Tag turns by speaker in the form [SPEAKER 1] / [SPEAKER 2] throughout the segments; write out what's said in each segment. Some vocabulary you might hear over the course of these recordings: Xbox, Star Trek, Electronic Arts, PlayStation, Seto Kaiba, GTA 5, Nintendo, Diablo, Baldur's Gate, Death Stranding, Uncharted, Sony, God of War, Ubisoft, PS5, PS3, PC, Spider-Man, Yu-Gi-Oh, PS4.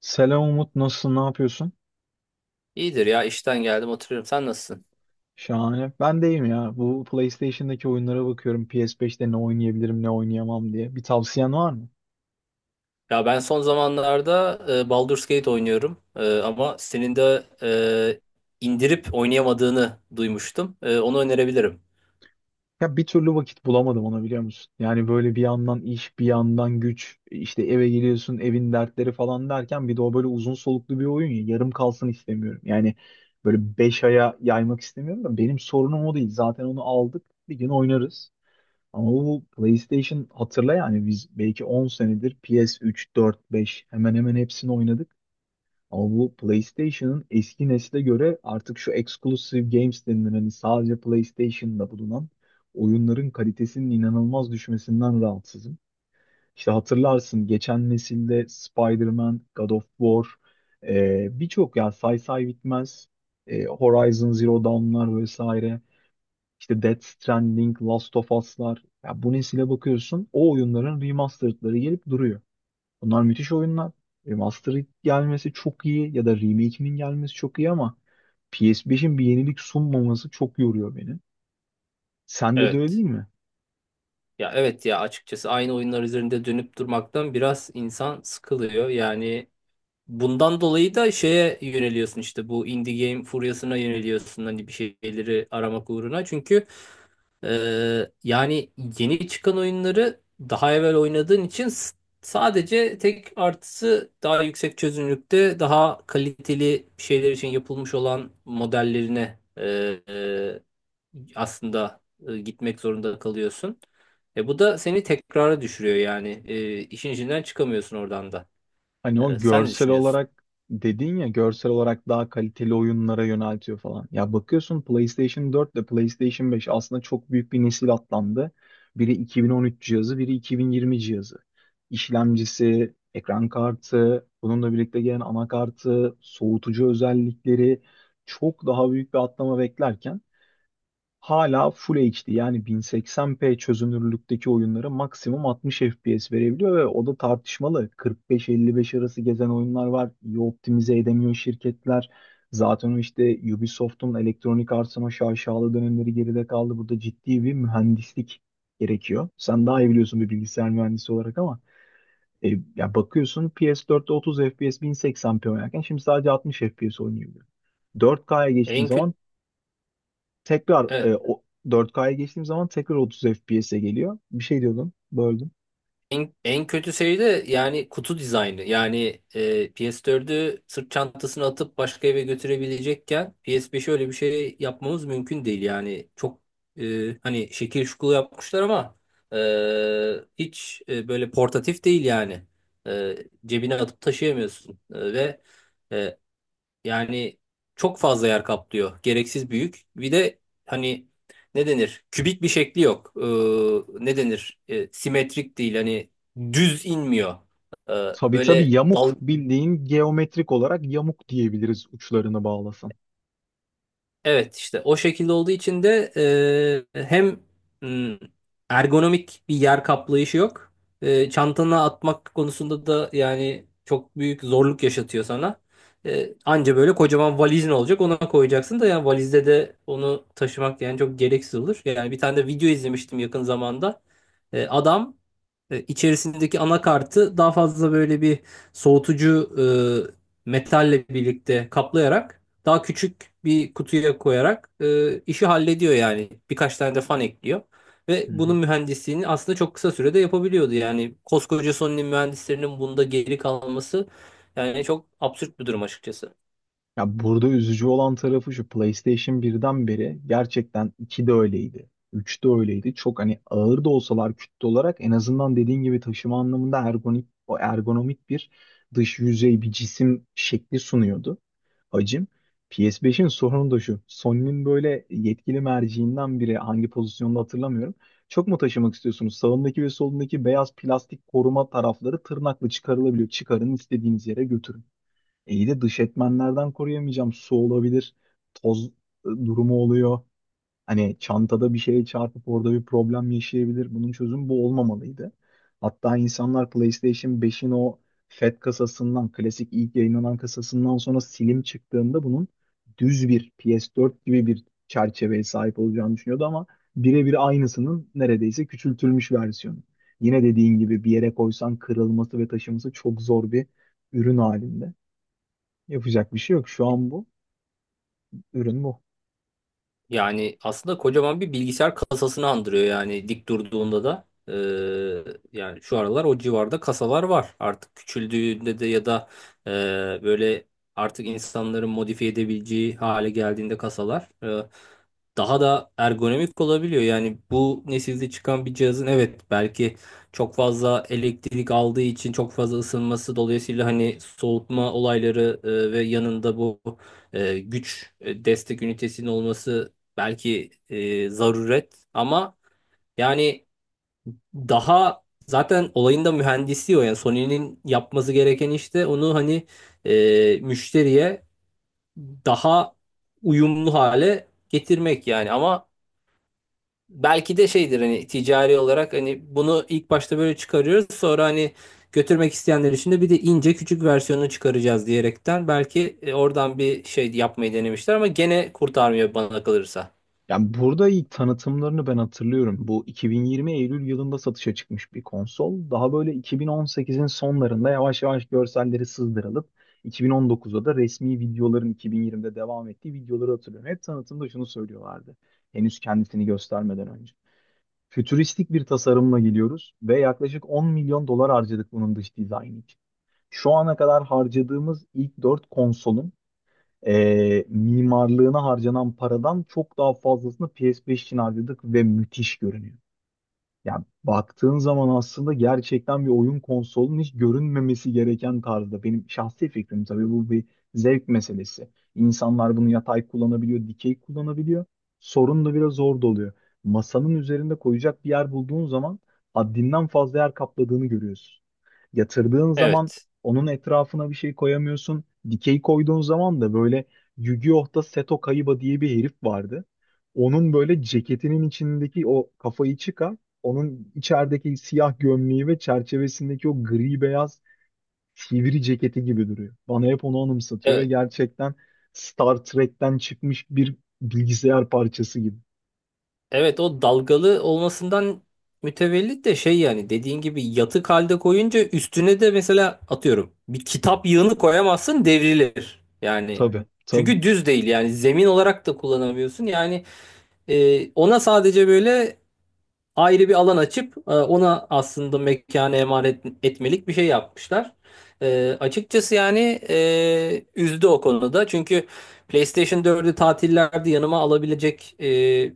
[SPEAKER 1] Selam Umut, nasılsın, ne yapıyorsun?
[SPEAKER 2] İyidir ya işten geldim oturuyorum. Sen nasılsın?
[SPEAKER 1] Şahane. Ben deyim ya. Bu PlayStation'daki oyunlara bakıyorum. PS5'te ne oynayabilirim, ne oynayamam diye. Bir tavsiyen var mı?
[SPEAKER 2] Ya ben son zamanlarda Baldur's Gate oynuyorum. Ama senin de indirip oynayamadığını duymuştum. Onu önerebilirim.
[SPEAKER 1] Ya bir türlü vakit bulamadım ona biliyor musun? Yani böyle bir yandan iş, bir yandan güç, işte eve geliyorsun, evin dertleri falan derken bir de o böyle uzun soluklu bir oyun ya. Yarım kalsın istemiyorum. Yani böyle 5 aya yaymak istemiyorum da benim sorunum o değil. Zaten onu aldık. Bir gün oynarız. Ama bu PlayStation hatırla yani biz belki 10 senedir PS3, 4, 5 hemen hemen hepsini oynadık. Ama bu PlayStation'ın eski nesle göre artık şu exclusive games denilen hani sadece PlayStation'da bulunan oyunların kalitesinin inanılmaz düşmesinden rahatsızım. İşte hatırlarsın geçen nesilde Spider-Man, God of War, birçok ya say say bitmez Horizon Zero Dawn'lar vesaire. İşte Death Stranding, Last of Us'lar. Ya bu nesile bakıyorsun o oyunların remastered'ları gelip duruyor. Bunlar müthiş oyunlar. Remastered gelmesi çok iyi ya da remake'inin gelmesi çok iyi ama PS5'in bir yenilik sunmaması çok yoruyor beni. Sende de öyle
[SPEAKER 2] Evet.
[SPEAKER 1] değil mi?
[SPEAKER 2] Ya evet, ya açıkçası aynı oyunlar üzerinde dönüp durmaktan biraz insan sıkılıyor. Yani bundan dolayı da şeye yöneliyorsun, işte bu indie game furyasına yöneliyorsun hani, bir şeyleri aramak uğruna. Çünkü yani yeni çıkan oyunları daha evvel oynadığın için sadece tek artısı daha yüksek çözünürlükte daha kaliteli şeyler için yapılmış olan modellerine e, aslında gitmek zorunda kalıyorsun. Bu da seni tekrara düşürüyor, yani işin içinden çıkamıyorsun oradan da.
[SPEAKER 1] Hani o
[SPEAKER 2] Sen ne
[SPEAKER 1] görsel
[SPEAKER 2] düşünüyorsun?
[SPEAKER 1] olarak dedin ya görsel olarak daha kaliteli oyunlara yöneltiyor falan. Ya bakıyorsun PlayStation 4 ile PlayStation 5 aslında çok büyük bir nesil atlandı. Biri 2013 cihazı, biri 2020 cihazı. İşlemcisi, ekran kartı, bununla birlikte gelen anakartı, soğutucu özellikleri çok daha büyük bir atlama beklerken hala Full HD yani 1080p çözünürlükteki oyunlara maksimum 60 FPS verebiliyor ve o da tartışmalı. 45-55 arası gezen oyunlar var. İyi optimize edemiyor şirketler. Zaten o işte Ubisoft'un Electronic Arts'ın o şaşalı dönemleri geride kaldı. Burada ciddi bir mühendislik gerekiyor. Sen daha iyi biliyorsun bir bilgisayar mühendisi olarak ama e, ya bakıyorsun PS4'te 30 FPS 1080p oynarken şimdi sadece 60 FPS oynuyor. 4K'ya geçtiğim
[SPEAKER 2] En kötü
[SPEAKER 1] zaman Tekrar e, o 4K'ya geçtiğim zaman tekrar 30 FPS'e geliyor. Bir şey diyordun, böldüm.
[SPEAKER 2] en kötü şey de yani kutu dizaynı. Yani PS4'ü sırt çantasına atıp başka eve götürebilecekken PS5'e öyle bir şey yapmamız mümkün değil. Yani çok hani şekil şukulu yapmışlar ama e, hiç böyle portatif değil yani. E, Cebine atıp taşıyamıyorsun. Ve e, yani çok fazla yer kaplıyor. Gereksiz büyük. Bir de hani, ne denir? Kübik bir şekli yok. Ne denir? Simetrik değil. Hani düz inmiyor. Ee,
[SPEAKER 1] Tabii tabii
[SPEAKER 2] böyle
[SPEAKER 1] yamuk
[SPEAKER 2] dal
[SPEAKER 1] bildiğin geometrik olarak yamuk diyebiliriz uçlarını bağlasan.
[SPEAKER 2] Evet, işte o şekilde olduğu için de hem mm, ergonomik bir yer kaplayışı yok. Çantana atmak konusunda da yani çok büyük zorluk yaşatıyor sana. Anca böyle kocaman valizin olacak, ona koyacaksın da yani valizde de onu taşımak yani çok gereksiz olur. Yani bir tane de video izlemiştim yakın zamanda. Adam içerisindeki anakartı daha fazla böyle bir soğutucu metalle birlikte kaplayarak daha küçük bir kutuya koyarak işi hallediyor yani. Birkaç tane de fan ekliyor. Ve
[SPEAKER 1] Hı
[SPEAKER 2] bunun
[SPEAKER 1] hı.
[SPEAKER 2] mühendisliğini aslında çok kısa sürede yapabiliyordu. Yani koskoca Sony'nin mühendislerinin bunda geri kalması yani çok absürt bir durum açıkçası.
[SPEAKER 1] Ya burada üzücü olan tarafı şu PlayStation birden beri gerçekten 2 de öyleydi. Üç de öyleydi. Çok hani ağır da olsalar kütle olarak en azından dediğin gibi taşıma anlamında ergonomik bir dış yüzey bir cisim şekli sunuyordu. Hacim. PS5'in sorunu da şu. Sony'nin böyle yetkili merciinden biri hangi pozisyonda hatırlamıyorum. Çok mu taşımak istiyorsunuz? Sağındaki ve solundaki beyaz plastik koruma tarafları tırnakla çıkarılabiliyor. Çıkarın istediğiniz yere götürün. İyi de dış etmenlerden koruyamayacağım. Su olabilir, toz durumu oluyor. Hani çantada bir şeye çarpıp orada bir problem yaşayabilir. Bunun çözümü bu olmamalıydı. Hatta insanlar PlayStation 5'in o FAT kasasından, klasik ilk yayınlanan kasasından sonra Slim çıktığında bunun düz bir PS4 gibi bir çerçeveye sahip olacağını düşünüyordu ama birebir aynısının neredeyse küçültülmüş versiyonu. Yine dediğin gibi bir yere koysan kırılması ve taşıması çok zor bir ürün halinde. Yapacak bir şey yok. Şu an bu ürün bu.
[SPEAKER 2] Yani aslında kocaman bir bilgisayar kasasını andırıyor yani, dik durduğunda da. Yani şu aralar o civarda kasalar var. Artık küçüldüğünde de, ya da e, böyle artık insanların modifiye edebileceği hale geldiğinde kasalar daha da ergonomik olabiliyor. Yani bu nesilde çıkan bir cihazın, evet belki çok fazla elektrik aldığı için çok fazla ısınması dolayısıyla hani soğutma olayları ve yanında bu güç destek ünitesinin olması belki zaruret ama yani daha zaten olayın da mühendisi o. Yani Sony'nin yapması gereken işte onu, hani müşteriye daha uyumlu hale getirmek yani ama belki de şeydir, hani ticari olarak hani bunu ilk başta böyle çıkarıyoruz, sonra hani götürmek isteyenler için de bir de ince küçük versiyonunu çıkaracağız diyerekten belki oradan bir şey yapmayı denemişler ama gene kurtarmıyor bana kalırsa.
[SPEAKER 1] Yani burada ilk tanıtımlarını ben hatırlıyorum. Bu 2020 Eylül yılında satışa çıkmış bir konsol. Daha böyle 2018'in sonlarında yavaş yavaş görselleri sızdırılıp 2019'da da resmi videoların 2020'de devam ettiği videoları hatırlıyorum. Hep tanıtımda şunu söylüyorlardı. Henüz kendisini göstermeden önce. Fütüristik bir tasarımla geliyoruz ve yaklaşık 10 milyon dolar harcadık bunun dış dizaynı için. Şu ana kadar harcadığımız ilk 4 konsolun mimarlığına harcanan paradan çok daha fazlasını PS5 için harcadık ve müthiş görünüyor. Yani baktığın zaman aslında gerçekten bir oyun konsolunun hiç görünmemesi gereken tarzda. Benim şahsi fikrim tabii bu bir zevk meselesi. İnsanlar bunu yatay kullanabiliyor, dikey kullanabiliyor. Sorun da biraz orada oluyor. Masanın üzerinde koyacak bir yer bulduğun zaman haddinden fazla yer kapladığını görüyorsun. Yatırdığın zaman
[SPEAKER 2] Evet.
[SPEAKER 1] onun etrafına bir şey koyamıyorsun. Dikey koyduğun zaman da böyle Yu-Gi-Oh'ta Seto Kaiba diye bir herif vardı. Onun böyle ceketinin içindeki o kafayı çıkar. Onun içerideki siyah gömleği ve çerçevesindeki o gri beyaz sivri ceketi gibi duruyor. Bana hep onu anımsatıyor ve
[SPEAKER 2] Evet.
[SPEAKER 1] gerçekten Star Trek'ten çıkmış bir bilgisayar parçası gibi.
[SPEAKER 2] Evet, o dalgalı olmasından mütevellit de şey yani, dediğin gibi yatık halde koyunca üstüne de mesela atıyorum bir kitap yığını koyamazsın, devrilir. Yani
[SPEAKER 1] Tabii, tabii.
[SPEAKER 2] çünkü düz değil yani, zemin olarak da kullanamıyorsun. Yani ona sadece böyle ayrı bir alan açıp ona aslında mekanı emanet etmelik bir şey yapmışlar. Açıkçası yani üzdü o konuda. Çünkü PlayStation 4'ü tatillerde yanıma alabilecek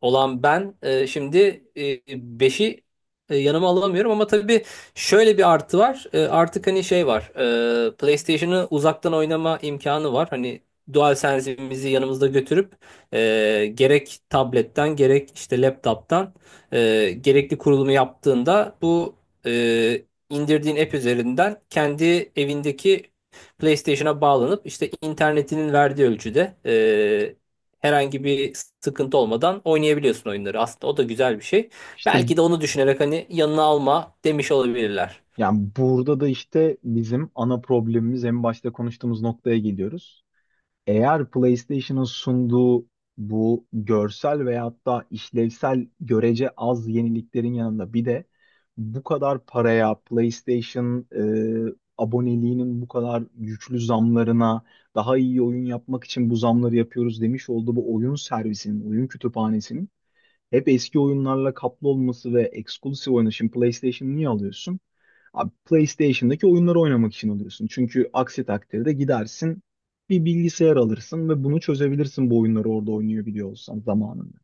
[SPEAKER 2] olan ben şimdi 5'i yanıma alamıyorum ama tabii şöyle bir artı var. Artık hani şey var. PlayStation'ı uzaktan oynama imkanı var. Hani DualSense'imizi yanımızda götürüp gerek tabletten gerek işte laptop'tan gerekli kurulumu yaptığında bu indirdiğin app üzerinden kendi evindeki PlayStation'a bağlanıp işte internetinin verdiği ölçüde herhangi bir sıkıntı olmadan oynayabiliyorsun oyunları. Aslında o da güzel bir şey.
[SPEAKER 1] İşte
[SPEAKER 2] Belki de onu düşünerek hani yanına alma demiş olabilirler.
[SPEAKER 1] yani burada da işte bizim ana problemimiz en başta konuştuğumuz noktaya geliyoruz. Eğer PlayStation'ın sunduğu bu görsel veyahut da işlevsel görece az yeniliklerin yanında bir de bu kadar paraya PlayStation e, aboneliğinin bu kadar güçlü zamlarına daha iyi oyun yapmak için bu zamları yapıyoruz demiş olduğu bu oyun servisinin, oyun kütüphanesinin hep eski oyunlarla kaplı olması ve eksklusif oyunu. Şimdi PlayStation niye alıyorsun? Abi PlayStation'daki oyunları oynamak için alıyorsun. Çünkü aksi takdirde gidersin bir bilgisayar alırsın ve bunu çözebilirsin bu oyunları orada oynuyor biliyor olsan zamanında.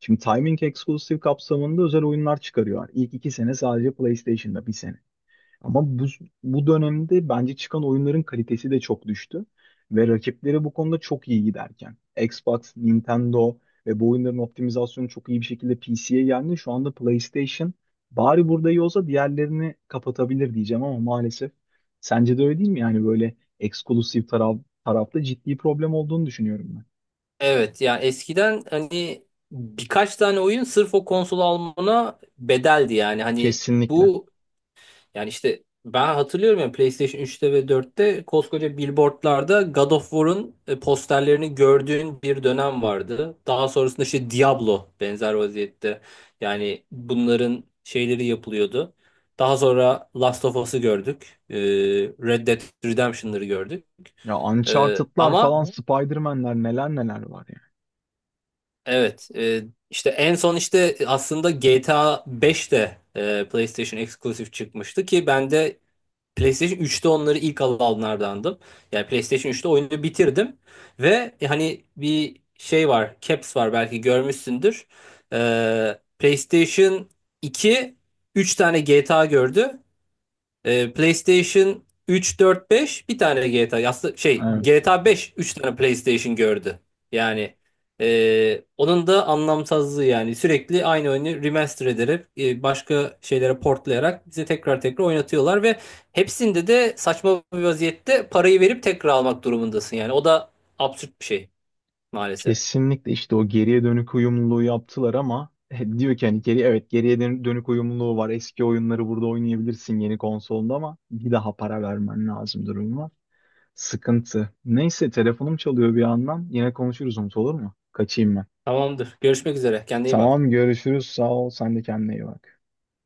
[SPEAKER 1] Şimdi Timing Exclusive kapsamında özel oyunlar çıkarıyor. İlk 2 sene sadece PlayStation'da bir sene. Ama bu dönemde bence çıkan oyunların kalitesi de çok düştü. Ve rakipleri bu konuda çok iyi giderken. Xbox, Nintendo ve bu oyunların optimizasyonu çok iyi bir şekilde PC'ye geldi. Şu anda PlayStation bari burada iyi olsa diğerlerini kapatabilir diyeceğim ama maalesef. Sence de öyle değil mi? Yani böyle eksklusif tarafta ciddi problem olduğunu düşünüyorum ben.
[SPEAKER 2] Evet, yani eskiden hani birkaç tane oyun sırf o konsolu almana bedeldi yani, hani.
[SPEAKER 1] Kesinlikle.
[SPEAKER 2] Bu Yani işte ben hatırlıyorum ya, PlayStation 3'te ve 4'te koskoca billboardlarda God of War'un posterlerini gördüğün bir dönem vardı. Daha sonrasında işte Diablo benzer vaziyette. Yani bunların şeyleri yapılıyordu. Daha sonra Last of Us'ı gördük. Red Dead Redemption'ları gördük.
[SPEAKER 1] Ya Uncharted'lar
[SPEAKER 2] Ama
[SPEAKER 1] falan, hı? Spider-Man'ler neler neler var yani.
[SPEAKER 2] evet işte en son işte aslında GTA 5 de PlayStation Exclusive çıkmıştı ki ben de PlayStation 3'te onları ilk alanlardandım. Yani PlayStation 3'te oyunu bitirdim ve hani bir şey var, caps var belki görmüşsündür. PlayStation 2 3 tane GTA gördü. PlayStation 3, 4, 5 bir tane GTA. Aslında şey,
[SPEAKER 1] Evet.
[SPEAKER 2] GTA 5 3 tane PlayStation gördü. Yani onun da anlamsızlığı yani sürekli aynı oyunu remaster ederek başka şeylere portlayarak bize tekrar tekrar oynatıyorlar ve hepsinde de saçma bir vaziyette parayı verip tekrar almak durumundasın yani. O da absürt bir şey maalesef.
[SPEAKER 1] Kesinlikle işte o geriye dönük uyumluluğu yaptılar ama diyor ki hani evet geriye dönük uyumluluğu var. Eski oyunları burada oynayabilirsin yeni konsolda ama bir daha para vermen lazım durum var. Sıkıntı. Neyse telefonum çalıyor bir yandan. Yine konuşuruz Umut olur mu? Kaçayım ben.
[SPEAKER 2] Tamamdır. Görüşmek üzere. Kendine iyi bak.
[SPEAKER 1] Tamam görüşürüz. Sağ ol. Sen de kendine iyi bak.